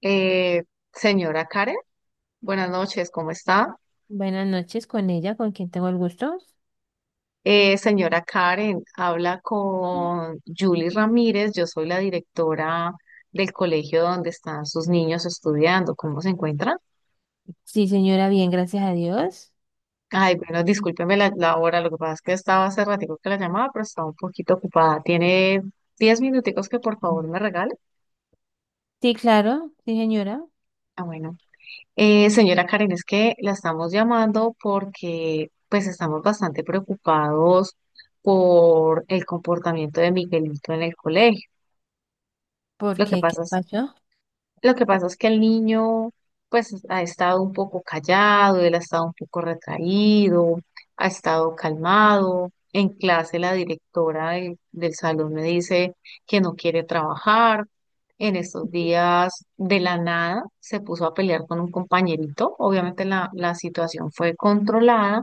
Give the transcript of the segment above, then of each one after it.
Eh, Señora Karen, buenas noches, ¿cómo está? Buenas noches con ella, con quien tengo el gusto. Señora Karen, habla con Julie Ramírez, yo soy la directora del colegio donde están sus niños estudiando, ¿cómo se encuentran? Sí, señora, bien, gracias a Dios. Ay, bueno, discúlpeme la hora, lo que pasa es que estaba hace ratico que la llamaba, pero estaba un poquito ocupada. ¿Tiene 10 minuticos que por favor Mm. me regale? Sí, claro, sí, señora. Ah, bueno. Señora Karen, es que la estamos llamando porque pues estamos bastante preocupados por el comportamiento de Miguelito en el colegio. ¿Por Lo que qué? ¿Qué pasa es pasó? lo que pasa es que el niño, pues, ha estado un poco callado, él ha estado un poco retraído, ha estado calmado. En clase, la directora del salón me dice que no quiere trabajar. En estos días, de la nada, se puso a pelear con un compañerito. Obviamente, la situación fue controlada,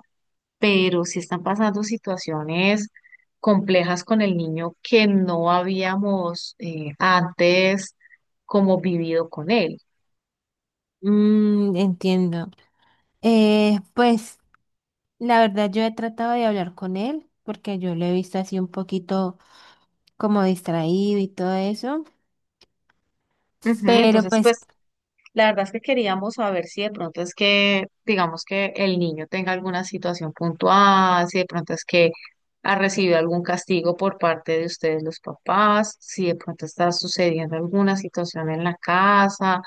pero sí están pasando situaciones complejas con el niño que no habíamos antes como vivido con él. Mm, entiendo. Pues la verdad yo he tratado de hablar con él porque yo lo he visto así un poquito como distraído y todo eso, Ujú. pero Entonces, pues pues, la verdad es que queríamos saber si de pronto es que, digamos que el niño tenga alguna situación puntual, si de pronto es que ha recibido algún castigo por parte de ustedes los papás, si de pronto está sucediendo alguna situación en la casa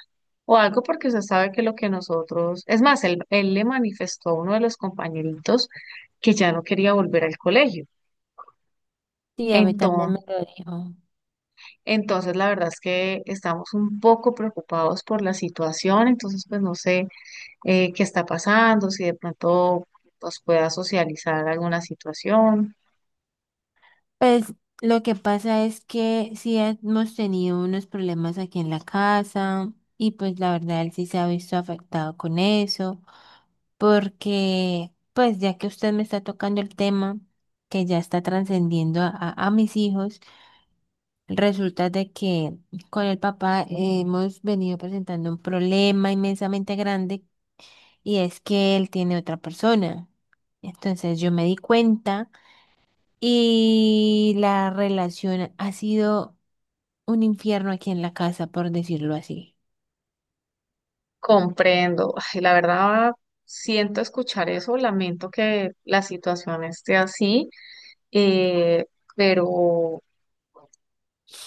o algo porque usted sabe que lo que nosotros, es más, él le manifestó a uno de los compañeritos que ya no quería volver al colegio. sí, a mí también me Entonces, lo dijo. entonces, la verdad es que estamos un poco preocupados por la situación, entonces pues no sé qué está pasando, si de pronto nos pueda socializar alguna situación. Pues lo que pasa es que sí hemos tenido unos problemas aquí en la casa y pues la verdad él sí se ha visto afectado con eso, porque pues ya que usted me está tocando el tema que ya está trascendiendo a, a mis hijos, resulta de que con el papá hemos venido presentando un problema inmensamente grande y es que él tiene otra persona. Entonces yo me di cuenta y la relación ha sido un infierno aquí en la casa, por decirlo así. Comprendo. Ay, la verdad, siento escuchar eso, lamento que la situación esté así, eh, pero,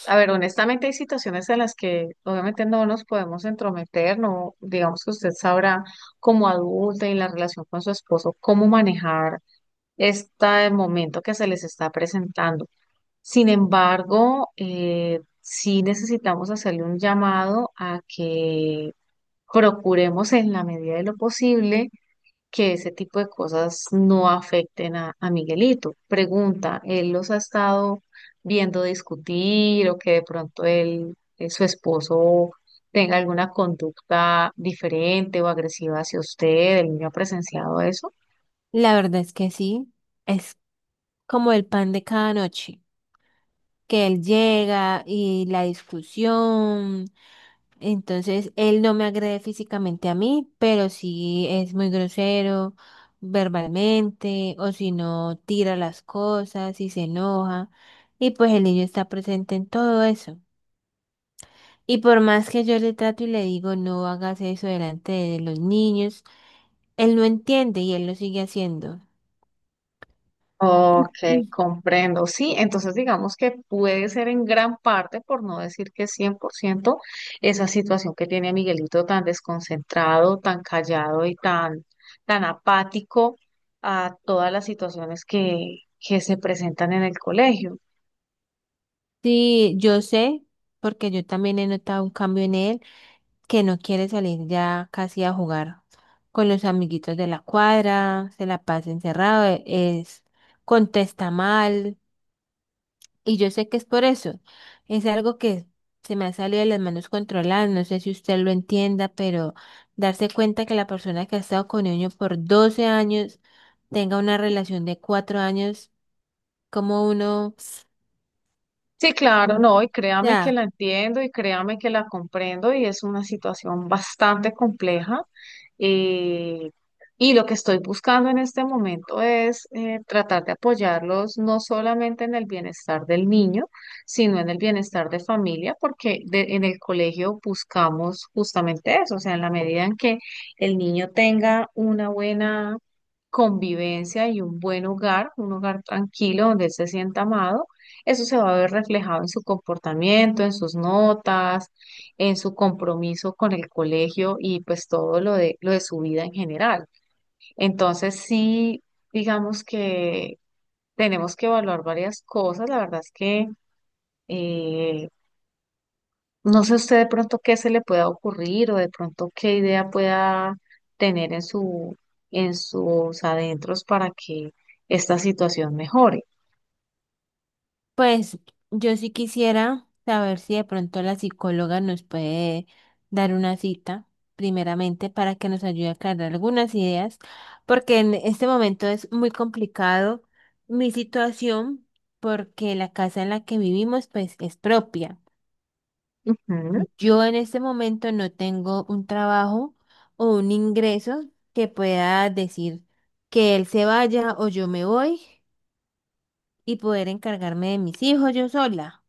a ver, honestamente hay situaciones en las que obviamente no nos podemos entrometer, no, digamos que usted sabrá como adulta y en la relación con su esposo cómo manejar este momento que se les está presentando. Sin embargo, sí necesitamos hacerle un llamado a que procuremos en la medida de lo posible que ese tipo de cosas no afecten a Miguelito. Pregunta, ¿él los ha estado viendo discutir o que de pronto él, su esposo, tenga alguna conducta diferente o agresiva hacia usted? ¿El niño ha presenciado eso? La verdad es que sí, es como el pan de cada noche, que él llega y la discusión. Entonces, él no me agrede físicamente a mí, pero sí es muy grosero verbalmente, o si no, tira las cosas y se enoja. Y pues el niño está presente en todo eso. Y por más que yo le trato y le digo, no hagas eso delante de los niños, él no entiende y él lo sigue haciendo. Ok, comprendo. Sí, entonces digamos que puede ser en gran parte, por no decir que 100%, esa situación que tiene a Miguelito tan desconcentrado, tan callado y tan, tan apático a todas las situaciones que se presentan en el colegio. Sí, yo sé, porque yo también he notado un cambio en él, que no quiere salir ya casi a jugar con los amiguitos de la cuadra, se la pasa encerrado, es, contesta mal, y yo sé que es por eso. Es algo que se me ha salido de las manos controladas, no sé si usted lo entienda, pero darse cuenta que la persona que ha estado con niño por 12 años tenga una relación de 4 años, como uno... Sí, claro, no, y créame que Ya. la entiendo y créame que la comprendo y es una situación bastante compleja. eh, y lo que estoy buscando en este momento es tratar de apoyarlos no solamente en el bienestar del niño, sino en el bienestar de familia, porque de- en el colegio buscamos justamente eso, o sea, en la medida en que el niño tenga una buena convivencia y un buen hogar, un hogar tranquilo donde él se sienta amado, eso se va a ver reflejado en su comportamiento, en sus notas, en su compromiso con el colegio y pues todo lo de su vida en general. Entonces, sí, digamos que tenemos que evaluar varias cosas. La verdad es que eh, no sé usted de pronto qué se le pueda ocurrir o de pronto qué idea pueda tener en su, en sus adentros para que esta situación mejore. Pues yo sí quisiera saber si de pronto la psicóloga nos puede dar una cita, primeramente, para que nos ayude a aclarar algunas ideas, porque en este momento es muy complicado mi situación, porque la casa en la que vivimos, pues, es propia. Ujú, Yo en este momento no tengo un trabajo o un ingreso que pueda decir que él se vaya o yo me voy y poder encargarme de mis hijos yo sola.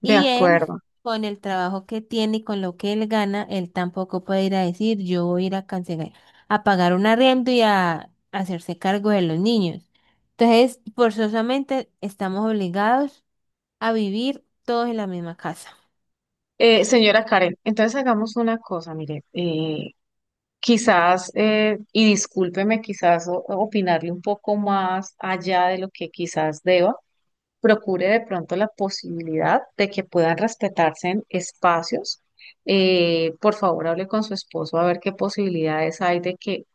de Y él, acuerdo. con el trabajo que tiene y con lo que él gana, él tampoco puede ir a decir, yo voy a ir a cancelar, a pagar un arriendo y a hacerse cargo de los niños. Entonces, forzosamente estamos obligados a vivir todos en la misma casa. Señora Karen, entonces hagamos una cosa, mire, quizás, y discúlpeme, quizás o- opinarle un poco más allá de lo que quizás deba, procure de pronto la posibilidad de que puedan respetarse en espacios. Por favor, hable con su esposo a ver qué posibilidades hay de que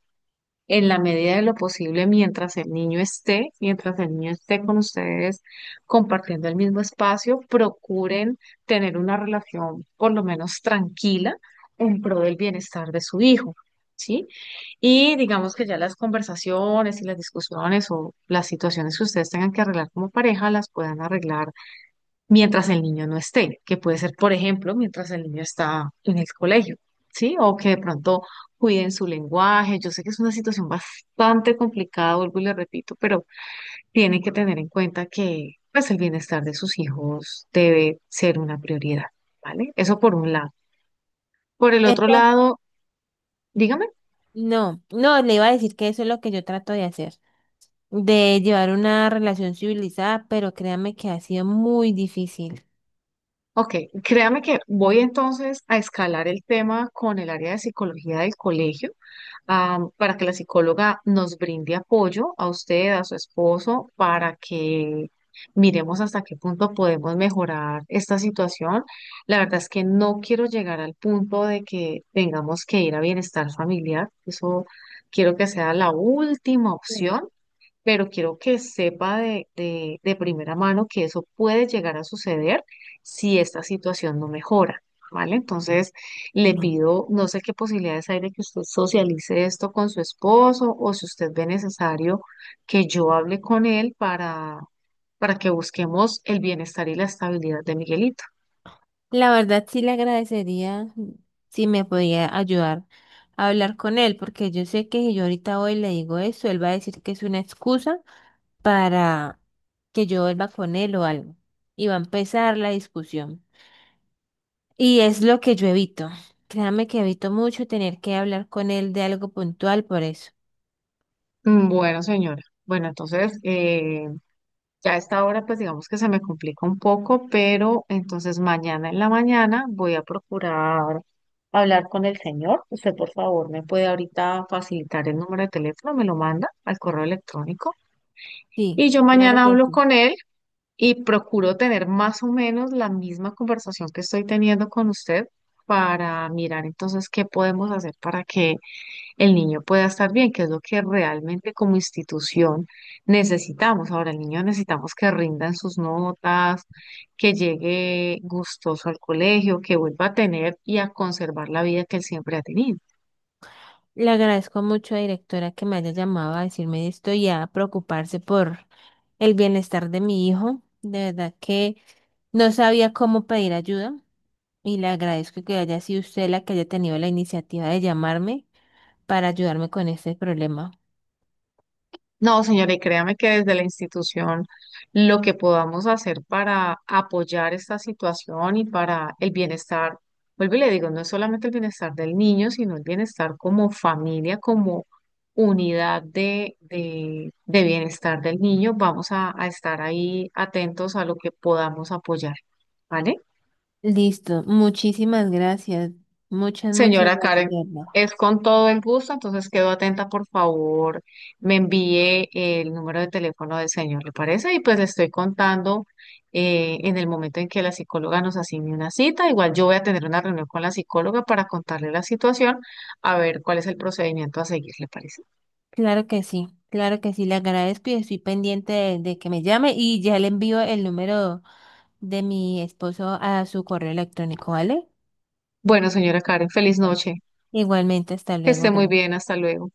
en la medida de lo posible mientras el niño esté, mientras el niño esté con ustedes compartiendo el mismo espacio, procuren tener una relación por lo menos tranquila en pro del bienestar de su hijo, ¿sí? Y digamos que ya las conversaciones y las discusiones o las situaciones que ustedes tengan que arreglar como pareja las puedan arreglar mientras el niño no esté, que puede ser, por ejemplo, mientras el niño está en el colegio, ¿sí? O que de pronto cuiden su lenguaje. Yo sé que es una situación bastante complicada, vuelvo y le repito, pero tienen que tener en cuenta que pues el bienestar de sus hijos debe ser una prioridad, ¿vale? Eso por un lado. Por el otro Entonces, lado, dígame. no, no, le iba a decir que eso es lo que yo trato de hacer, de llevar una relación civilizada, pero créame que ha sido muy difícil. Ok, créame que voy entonces a escalar el tema con el área de psicología del colegio, ah, para que la psicóloga nos brinde apoyo a usted, a su esposo, para que miremos hasta qué punto podemos mejorar esta situación. La verdad es que no quiero llegar al punto de que tengamos que ir a bienestar familiar. Eso quiero que sea la última opción, pero quiero que sepa de primera mano que eso puede llegar a suceder si esta situación no mejora, ¿vale? Entonces, le Mm. pido, no sé qué posibilidades hay de que usted socialice esto con su esposo o si usted ve necesario que yo hable con él para que busquemos el bienestar y la estabilidad de Miguelito. La verdad sí le agradecería si me podía ayudar a hablar con él, porque yo sé que si yo ahorita hoy le digo eso, él va a decir que es una excusa para que yo vuelva con él o algo. Y va a empezar la discusión. Y es lo que yo evito. Créame que evito mucho tener que hablar con él de algo puntual por eso. Mm, bueno, señora. Bueno, entonces, ya a esta hora, pues digamos que se me complica un poco, pero entonces mañana en la mañana voy a procurar hablar con el señor. Usted, por favor, me puede ahorita facilitar el número de teléfono, me lo manda al correo electrónico. Sí, Y yo claro mañana que hablo sí. con él y procuro tener más o menos la misma conversación que estoy teniendo con usted para mirar entonces qué podemos hacer para que el niño pueda estar bien, que es lo que realmente como institución necesitamos. Ahora, el niño necesitamos que rindan sus notas, que llegue gustoso al colegio, que vuelva a tener y a conservar la vida que él siempre ha tenido. Le agradezco mucho, directora, que me haya llamado a decirme esto y a preocuparse por el bienestar de mi hijo. De verdad que... No sabía cómo pedir ayuda y le agradezco que haya sido usted la que haya tenido la iniciativa de llamarme para ayudarme con este problema. No, señora, y créame que desde la institución lo que podamos hacer para apoyar esta situación y para el bienestar, vuelvo y le digo, no es solamente el bienestar del niño, sino el bienestar como familia, como unidad de bienestar del niño, vamos a estar ahí atentos a lo que podamos apoyar, ¿vale? Listo, muchísimas gracias. Muchas, muchas Señora gracias, Karen, de verdad. es con todo el gusto, entonces quedo atenta, por favor, me envíe el número de teléfono del señor, ¿le parece? Y pues le estoy contando en el momento en que la psicóloga nos asigne una cita. Igual yo voy a tener una reunión con la psicóloga para contarle la situación, a ver cuál es el procedimiento a seguir, ¿le parece? Claro que sí, le agradezco y estoy pendiente de que me llame y ya le envío el número de mi esposo a su correo electrónico, ¿vale? Bueno, señora Karen, feliz Bueno. noche, Igualmente, hasta que esté luego, muy gracias. bien, hasta luego.